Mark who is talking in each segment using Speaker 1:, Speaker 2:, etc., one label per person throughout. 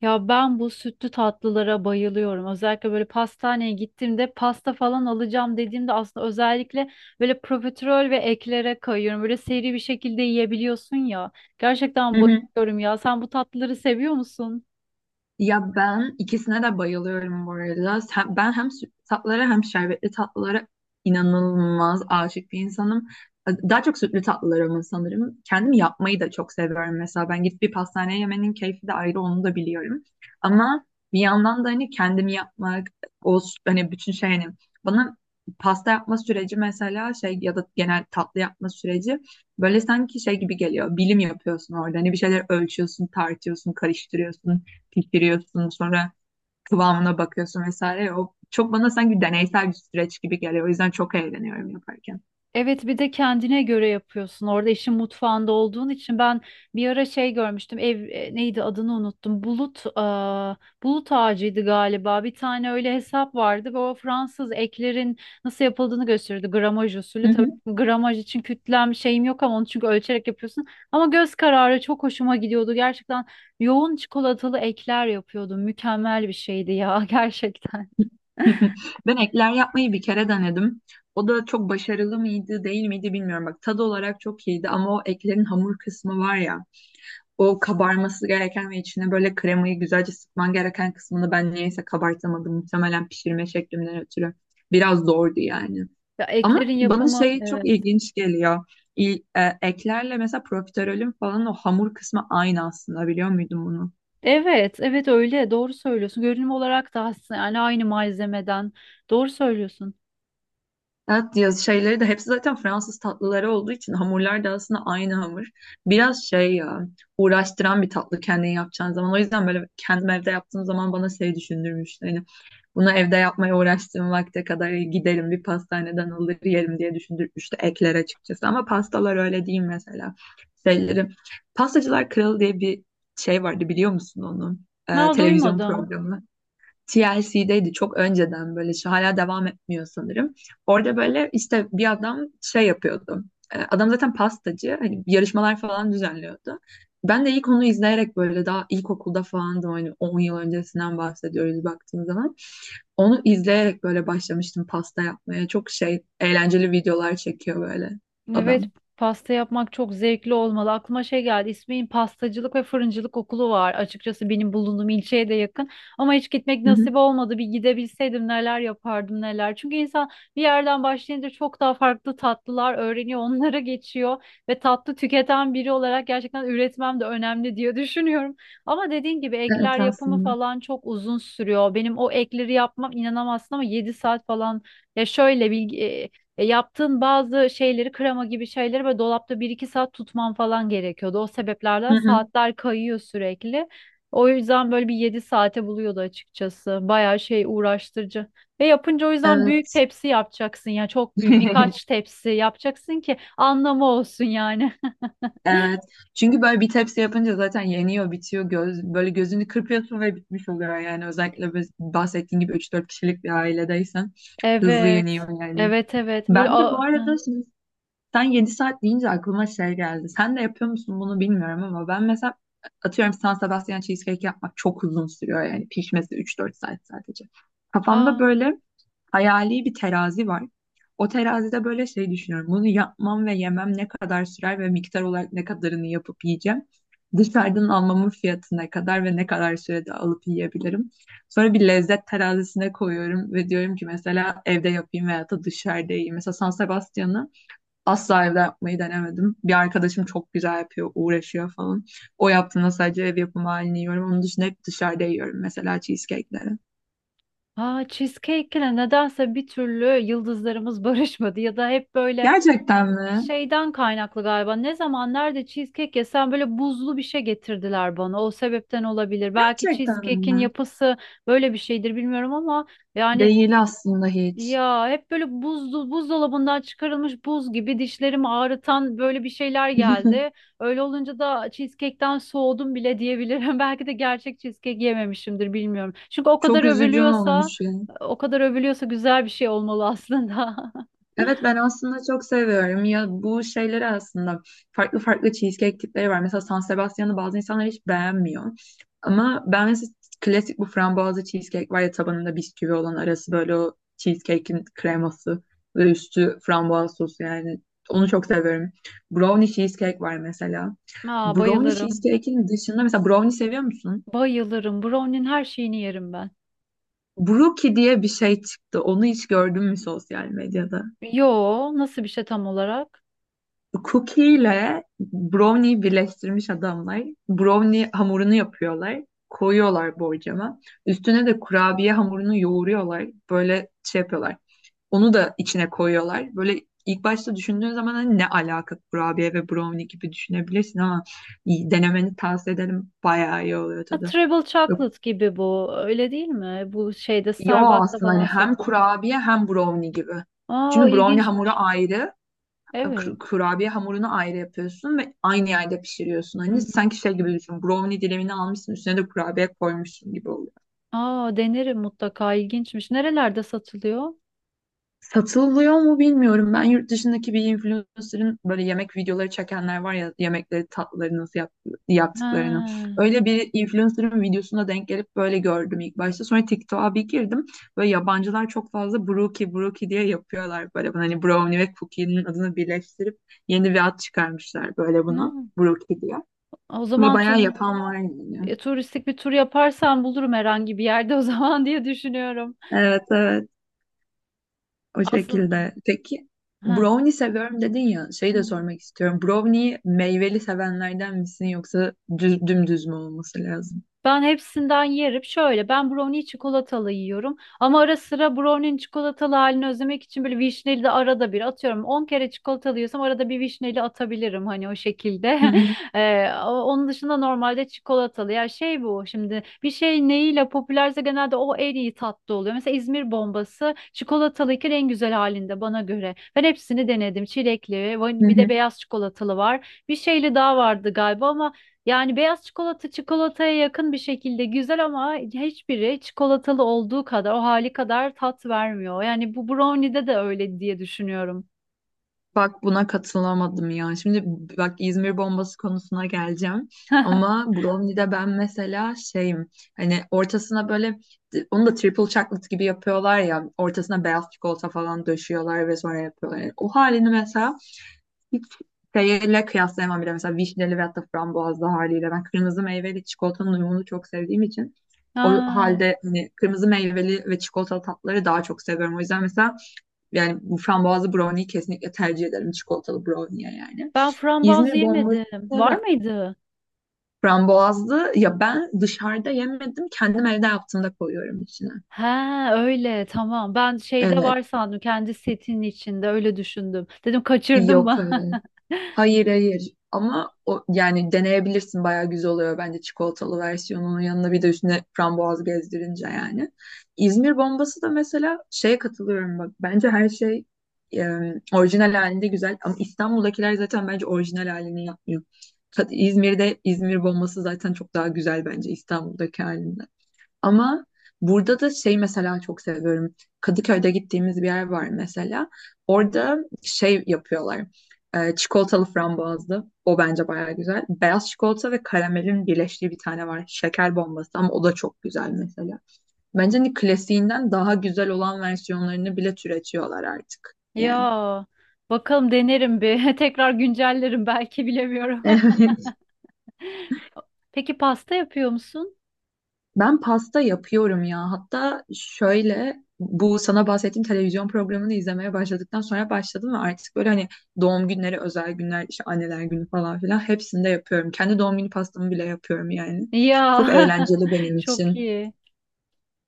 Speaker 1: Ya ben bu sütlü tatlılara bayılıyorum. Özellikle böyle pastaneye gittiğimde pasta falan alacağım dediğimde aslında özellikle böyle profiterol ve eklere kayıyorum. Böyle seri bir şekilde yiyebiliyorsun ya.
Speaker 2: Hı
Speaker 1: Gerçekten
Speaker 2: hı.
Speaker 1: bayılıyorum ya. Sen bu tatlıları seviyor musun?
Speaker 2: Ya ben ikisine de bayılıyorum bu arada. Ben hem sütlü tatlılara hem şerbetli tatlılara inanılmaz aşık bir insanım. Daha çok sütlü tatlılara ama sanırım. Kendim yapmayı da çok seviyorum mesela. Ben gidip bir pastaneye yemenin keyfi de ayrı onu da biliyorum. Ama bir yandan da hani kendim yapmak, o s- hani bütün şey hani bana pasta yapma süreci mesela şey ya da genel tatlı yapma süreci böyle sanki şey gibi geliyor. Bilim yapıyorsun orada. Hani bir şeyler ölçüyorsun, tartıyorsun, karıştırıyorsun pişiriyorsun sonra kıvamına bakıyorsun vesaire. O çok bana sanki deneysel bir süreç gibi geliyor. O yüzden çok eğleniyorum yaparken.
Speaker 1: Evet, bir de kendine göre yapıyorsun. Orada işin mutfağında olduğun için ben bir ara şey görmüştüm. Ev neydi adını unuttum. Bulut bulut ağacıydı galiba. Bir tane öyle hesap vardı ve o Fransız eklerin nasıl yapıldığını gösteriyordu. Gramaj
Speaker 2: Hı
Speaker 1: usulü. Tabii
Speaker 2: hı.
Speaker 1: gramaj için kütlem şeyim yok ama onu çünkü ölçerek yapıyorsun. Ama göz kararı çok hoşuma gidiyordu. Gerçekten yoğun çikolatalı ekler yapıyordum. Mükemmel bir şeydi ya gerçekten.
Speaker 2: Ben ekler yapmayı bir kere denedim. O da çok başarılı mıydı, değil miydi bilmiyorum. Bak tadı olarak çok iyiydi ama o eklerin hamur kısmı var ya. O kabarması gereken ve içine böyle kremayı güzelce sıkman gereken kısmını ben niyeyse kabartamadım. Muhtemelen pişirme şeklimden ötürü. Biraz zordu yani.
Speaker 1: Ya
Speaker 2: Ama
Speaker 1: eklerin
Speaker 2: bana
Speaker 1: yapımı,
Speaker 2: şey çok
Speaker 1: evet.
Speaker 2: ilginç geliyor. Eklerle mesela profiterolün falan o hamur kısmı aynı aslında biliyor muydun bunu?
Speaker 1: Evet, evet öyle. Doğru söylüyorsun. Görünüm olarak da aslında yani aynı malzemeden. Doğru söylüyorsun.
Speaker 2: Evet, yaz şeyleri de hepsi zaten Fransız tatlıları olduğu için hamurlar da aslında aynı hamur. Biraz şey ya uğraştıran bir tatlı kendin yapacağın zaman. O yüzden böyle kendim evde yaptığım zaman bana şey düşündürmüştü. Hani bunu evde yapmaya uğraştığım vakte kadar giderim bir pastaneden alır yerim diye düşündürmüştü ekler açıkçası. Ama pastalar öyle değil mesela. Şeyleri. Pastacılar Kralı diye bir şey vardı biliyor musun onu?
Speaker 1: Ma
Speaker 2: Televizyon
Speaker 1: duymadım.
Speaker 2: programı. TLC'deydi çok önceden böyle şu hala devam etmiyor sanırım. Orada böyle işte bir adam şey yapıyordu. Adam zaten pastacı hani yarışmalar falan düzenliyordu. Ben de ilk onu izleyerek böyle daha ilkokulda falandım hani 10 yıl öncesinden bahsediyoruz baktığım zaman. Onu izleyerek böyle başlamıştım pasta yapmaya. Çok şey eğlenceli videolar çekiyor böyle
Speaker 1: Evet,
Speaker 2: adam.
Speaker 1: pasta yapmak çok zevkli olmalı. Aklıma şey geldi. İsmail'in pastacılık ve fırıncılık okulu var. Açıkçası benim bulunduğum ilçeye de yakın. Ama hiç gitmek
Speaker 2: Hı hı.
Speaker 1: nasip olmadı. Bir gidebilseydim neler yapardım neler. Çünkü insan bir yerden başlayınca çok daha farklı tatlılar öğreniyor, onlara geçiyor ve tatlı tüketen biri olarak gerçekten üretmem de önemli diye düşünüyorum. Ama dediğin gibi ekler
Speaker 2: Evet
Speaker 1: yapımı
Speaker 2: aslında.
Speaker 1: falan çok uzun sürüyor. Benim o ekleri yapmam inanamazsın ama 7 saat falan, ya şöyle bilgi, yaptığın bazı şeyleri, krema gibi şeyleri böyle dolapta bir iki saat tutman falan gerekiyordu. O sebeplerden
Speaker 2: Hı hı.
Speaker 1: saatler kayıyor sürekli. O yüzden böyle bir 7 saate buluyordu açıkçası. Bayağı şey uğraştırıcı. Ve yapınca o yüzden büyük
Speaker 2: Evet.
Speaker 1: tepsi yapacaksın ya, çok büyük birkaç tepsi yapacaksın ki anlamı olsun yani.
Speaker 2: Evet. Çünkü böyle bir tepsi yapınca zaten yeniyor, bitiyor. Göz, böyle gözünü kırpıyorsun ve bitmiş oluyor yani. Özellikle biz bahsettiğin gibi üç dört kişilik bir ailedeysen hızlı
Speaker 1: Evet.
Speaker 2: yeniyor yani.
Speaker 1: Evet, evet. Böyle
Speaker 2: Ben de bu arada şimdi sen 7 saat deyince aklıma şey geldi. Sen de yapıyor musun bunu bilmiyorum ama ben mesela atıyorum San Sebastian cheesecake yapmak çok uzun sürüyor yani. Pişmesi üç dört saat sadece. Kafamda
Speaker 1: a,
Speaker 2: böyle hayali bir terazi var. O terazide böyle şey düşünüyorum. Bunu yapmam ve yemem ne kadar sürer ve miktar olarak ne kadarını yapıp yiyeceğim. Dışarıdan almamın fiyatı ne kadar ve ne kadar sürede alıp yiyebilirim. Sonra bir lezzet terazisine koyuyorum ve diyorum ki mesela evde yapayım veya da dışarıda yiyeyim. Mesela San Sebastian'ı asla evde yapmayı denemedim. Bir arkadaşım çok güzel yapıyor, uğraşıyor falan. O yaptığında sadece ev yapımı halini yiyorum. Onun dışında hep dışarıda yiyorum mesela cheesecake'leri.
Speaker 1: a, cheesecake'le nedense bir türlü yıldızlarımız barışmadı, ya da hep böyle
Speaker 2: Gerçekten mi?
Speaker 1: şeyden kaynaklı galiba. Ne zaman nerede cheesecake yesem böyle buzlu bir şey getirdiler bana. O sebepten olabilir. Belki
Speaker 2: Gerçekten
Speaker 1: cheesecake'in
Speaker 2: mi?
Speaker 1: yapısı böyle bir şeydir bilmiyorum ama yani,
Speaker 2: Değil aslında hiç.
Speaker 1: ya hep böyle buzlu, buzdolabından çıkarılmış, buz gibi dişlerimi ağrıtan böyle bir şeyler geldi. Öyle olunca da cheesecake'ten soğudum bile diyebilirim. Belki de gerçek cheesecake yememişimdir bilmiyorum. Çünkü o kadar
Speaker 2: Çok üzücü
Speaker 1: övülüyorsa
Speaker 2: olmuş ya.
Speaker 1: o kadar övülüyorsa güzel bir şey olmalı aslında.
Speaker 2: Evet ben aslında çok seviyorum ya bu şeyleri aslında farklı farklı cheesecake tipleri var. Mesela San Sebastian'ı bazı insanlar hiç beğenmiyor. Ama ben mesela klasik bu frambuazlı cheesecake var ya tabanında bisküvi olan arası böyle o cheesecake'in kreması ve üstü frambuaz sosu yani onu çok seviyorum. Brownie cheesecake var mesela.
Speaker 1: Aa,
Speaker 2: Brownie
Speaker 1: bayılırım.
Speaker 2: cheesecake'in dışında mesela brownie seviyor musun?
Speaker 1: Bayılırım. Brownie'nin her şeyini yerim ben.
Speaker 2: Brookie diye bir şey çıktı. Onu hiç gördün mü sosyal medyada?
Speaker 1: Yo, nasıl bir şey tam olarak?
Speaker 2: Cookie ile brownie birleştirmiş adamlar. Brownie hamurunu yapıyorlar. Koyuyorlar borcama. Üstüne de kurabiye hamurunu yoğuruyorlar. Böyle şey yapıyorlar. Onu da içine koyuyorlar. Böyle ilk başta düşündüğün zaman hani ne alaka kurabiye ve brownie gibi düşünebilirsin ama iyi, denemeni tavsiye ederim. Bayağı iyi oluyor
Speaker 1: Ha,
Speaker 2: tadı.
Speaker 1: Treble Chocolate gibi bu. Öyle değil mi? Bu şeyde,
Speaker 2: Yo
Speaker 1: Starbucks'ta
Speaker 2: aslında hani
Speaker 1: falan
Speaker 2: hem
Speaker 1: satılan.
Speaker 2: kurabiye hem brownie gibi.
Speaker 1: Aa,
Speaker 2: Çünkü brownie hamuru
Speaker 1: ilginçmiş.
Speaker 2: ayrı,
Speaker 1: Evet.
Speaker 2: kurabiye hamurunu ayrı yapıyorsun ve aynı yerde pişiriyorsun.
Speaker 1: Hı
Speaker 2: Hani
Speaker 1: hı.
Speaker 2: sanki şey gibi düşün. Brownie dilimini almışsın üstüne de kurabiye koymuşsun gibi oluyor.
Speaker 1: Aa, denerim mutlaka. İlginçmiş. Nerelerde satılıyor?
Speaker 2: Satılıyor mu bilmiyorum. Ben yurt dışındaki bir influencer'ın böyle yemek videoları çekenler var ya yemekleri tatlıları nasıl yaptıklarını.
Speaker 1: Ha,
Speaker 2: Öyle bir influencer'ın videosuna denk gelip böyle gördüm ilk başta. Sonra TikTok'a bir girdim. Böyle yabancılar çok fazla brookie brookie diye yapıyorlar böyle. Hani brownie ve cookie'nin adını birleştirip yeni bir ad çıkarmışlar böyle buna.
Speaker 1: ne?
Speaker 2: Brookie diye.
Speaker 1: O
Speaker 2: Ve
Speaker 1: zaman
Speaker 2: bayağı yapan var yani.
Speaker 1: turistik bir tur yaparsam bulurum herhangi bir yerde o zaman diye düşünüyorum.
Speaker 2: Evet evet o
Speaker 1: Aslında,
Speaker 2: şekilde. Peki
Speaker 1: ha.
Speaker 2: brownie seviyorum dedin ya şeyi de sormak istiyorum. Brownie'yi meyveli sevenlerden misin yoksa düz, dümdüz mü olması lazım?
Speaker 1: Ben hepsinden yerim. Şöyle, ben brownie çikolatalı yiyorum. Ama ara sıra brownie'nin çikolatalı halini özlemek için böyle vişneli de arada bir atıyorum. 10 kere çikolatalı yiyorsam arada bir vişneli atabilirim hani o
Speaker 2: Hı
Speaker 1: şekilde.
Speaker 2: hı.
Speaker 1: Onun dışında normalde çikolatalı. Ya şey, bu şimdi bir şey neyiyle popülerse genelde o en iyi tatlı oluyor. Mesela İzmir bombası çikolatalıyken en güzel halinde bana göre. Ben hepsini denedim. Çilekli,
Speaker 2: Hı
Speaker 1: bir de
Speaker 2: hı.
Speaker 1: beyaz çikolatalı var. Bir şeyli daha vardı galiba ama yani beyaz çikolata çikolataya yakın bir şekilde güzel ama hiçbiri çikolatalı olduğu kadar, o hali kadar tat vermiyor. Yani bu brownie'de de öyle diye düşünüyorum.
Speaker 2: Bak buna katılamadım ya. Şimdi bak İzmir bombası konusuna geleceğim. Ama brownie'de ben mesela şeyim hani ortasına böyle onu da triple chocolate gibi yapıyorlar ya ortasına beyaz çikolata falan döşüyorlar ve sonra yapıyorlar. Yani o halini mesela hiç şeyle kıyaslayamam bile. Mesela vişneli veyahut da frambuazlı haliyle. Ben kırmızı meyveli çikolatanın uyumunu çok sevdiğim için o
Speaker 1: Ha,
Speaker 2: halde hani kırmızı meyveli ve çikolatalı tatları daha çok seviyorum. O yüzden mesela yani bu frambuazlı brownie'yi kesinlikle tercih ederim çikolatalı brownie'ye yani.
Speaker 1: ben frambuaz
Speaker 2: İzmir bombası
Speaker 1: yemedim. Var
Speaker 2: da
Speaker 1: mıydı?
Speaker 2: frambuazlı ya ben dışarıda yemedim kendim evde yaptığımda koyuyorum içine.
Speaker 1: Ha öyle, tamam. Ben şeyde
Speaker 2: Evet.
Speaker 1: var sandım, kendi setinin içinde öyle düşündüm. Dedim kaçırdım
Speaker 2: Yok,
Speaker 1: mı?
Speaker 2: evet. Hayır hayır ama o, yani deneyebilirsin bayağı güzel oluyor bence çikolatalı versiyonunun yanına bir de üstüne frambuaz gezdirince yani. İzmir bombası da mesela şeye katılıyorum bak bence her şey e, orijinal halinde güzel ama İstanbul'dakiler zaten bence orijinal halini yapmıyor. İzmir'de İzmir bombası zaten çok daha güzel bence İstanbul'daki halinden. Ama burada da şey mesela çok seviyorum. Kadıköy'de gittiğimiz bir yer var mesela. Orada şey yapıyorlar. Çikolatalı frambuazlı. O bence bayağı güzel. Beyaz çikolata ve karamelin birleştiği bir tane var. Şeker bombası ama o da çok güzel mesela. Bence hani klasiğinden daha güzel olan versiyonlarını bile türetiyorlar artık.
Speaker 1: Ya
Speaker 2: Yani.
Speaker 1: bakalım, denerim bir. Tekrar güncellerim belki bilemiyorum.
Speaker 2: Evet.
Speaker 1: Peki pasta yapıyor musun?
Speaker 2: Ben pasta yapıyorum ya. Hatta şöyle bu sana bahsettiğim televizyon programını izlemeye başladıktan sonra başladım ve artık böyle hani doğum günleri, özel günler, işte anneler günü falan filan hepsinde yapıyorum. Kendi doğum günü pastamı bile yapıyorum yani.
Speaker 1: Ya
Speaker 2: Çok eğlenceli benim
Speaker 1: çok
Speaker 2: için.
Speaker 1: iyi.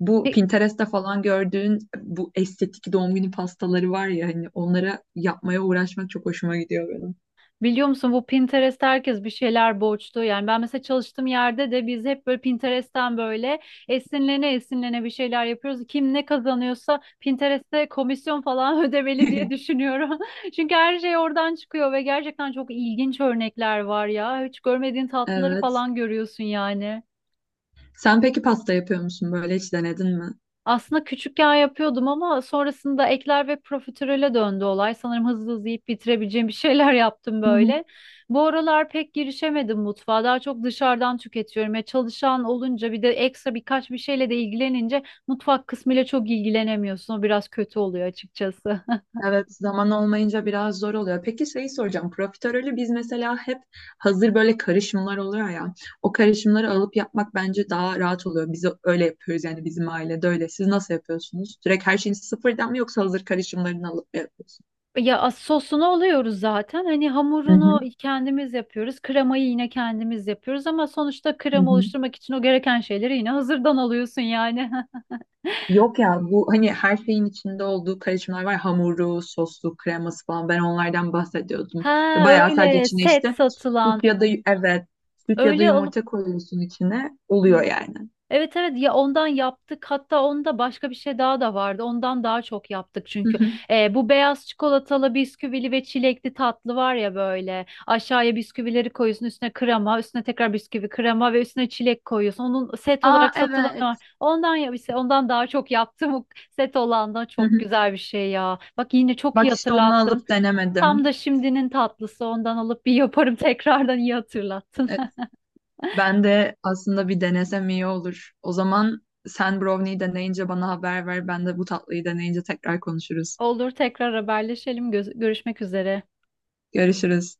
Speaker 2: Bu
Speaker 1: Pe-
Speaker 2: Pinterest'te falan gördüğün bu estetik doğum günü pastaları var ya hani onlara yapmaya uğraşmak çok hoşuma gidiyor benim.
Speaker 1: Biliyor musun, bu Pinterest'te herkes bir şeyler borçlu. Yani ben mesela çalıştığım yerde de biz hep böyle Pinterest'ten böyle esinlene esinlene bir şeyler yapıyoruz. Kim ne kazanıyorsa Pinterest'te komisyon falan ödemeli diye düşünüyorum. Çünkü her şey oradan çıkıyor ve gerçekten çok ilginç örnekler var ya. Hiç görmediğin tatlıları
Speaker 2: Evet.
Speaker 1: falan görüyorsun yani.
Speaker 2: Sen peki pasta yapıyor musun böyle hiç denedin mi?
Speaker 1: Aslında küçükken yapıyordum ama sonrasında ekler ve profiterole döndü olay. Sanırım hızlı hızlı yiyip bitirebileceğim bir şeyler yaptım böyle. Bu aralar pek girişemedim mutfağa. Daha çok dışarıdan tüketiyorum. Ya çalışan olunca, bir de ekstra birkaç bir şeyle de ilgilenince mutfak kısmıyla çok ilgilenemiyorsun. O biraz kötü oluyor açıkçası.
Speaker 2: Evet, zaman olmayınca biraz zor oluyor. Peki şeyi soracağım. Profiterolü biz mesela hep hazır böyle karışımlar oluyor ya. O karışımları alıp yapmak bence daha rahat oluyor. Biz öyle yapıyoruz yani bizim ailede öyle. Siz nasıl yapıyorsunuz? Direkt her şeyin sıfırdan mı yoksa hazır karışımlarını alıp mı yapıyorsunuz?
Speaker 1: Sosunu oluyoruz zaten. Hani
Speaker 2: Hı hı,
Speaker 1: hamurunu kendimiz yapıyoruz. Kremayı yine kendimiz yapıyoruz ama sonuçta
Speaker 2: hı
Speaker 1: krema
Speaker 2: hı.
Speaker 1: oluşturmak için o gereken şeyleri yine hazırdan alıyorsun yani.
Speaker 2: Yok ya bu hani her şeyin içinde olduğu karışımlar var. Hamuru, soslu, kreması falan. Ben onlardan bahsediyordum.
Speaker 1: Ha
Speaker 2: Bayağı sadece
Speaker 1: öyle,
Speaker 2: içine
Speaker 1: set
Speaker 2: işte
Speaker 1: satılan,
Speaker 2: süt ya da evet süt ya da
Speaker 1: öyle alıp.
Speaker 2: yumurta koyuyorsun içine.
Speaker 1: Hı,
Speaker 2: Oluyor yani.
Speaker 1: evet, evet, ya ondan yaptık. Hatta onda başka bir şey daha da vardı, ondan daha çok yaptık çünkü Bu beyaz çikolatalı, bisküvili ve çilekli tatlı var ya, böyle aşağıya bisküvileri koyuyorsun, üstüne krema, üstüne tekrar bisküvi, krema ve üstüne çilek koyuyorsun, onun set
Speaker 2: Aa
Speaker 1: olarak satılanı var,
Speaker 2: evet.
Speaker 1: ondan, ya işte, ondan daha çok yaptım. O set olan da
Speaker 2: Hı
Speaker 1: çok
Speaker 2: hı.
Speaker 1: güzel bir şey ya, bak yine çok iyi
Speaker 2: Bak işte onu
Speaker 1: hatırlattın.
Speaker 2: alıp
Speaker 1: Tam
Speaker 2: denemedim.
Speaker 1: da şimdinin tatlısı, ondan alıp bir yaparım tekrardan, iyi hatırlattın.
Speaker 2: Evet, ben de aslında bir denesem iyi olur. O zaman sen brownie'yi deneyince bana haber ver. Ben de bu tatlıyı deneyince tekrar konuşuruz.
Speaker 1: Olur, tekrar haberleşelim. Görüşmek üzere.
Speaker 2: Görüşürüz.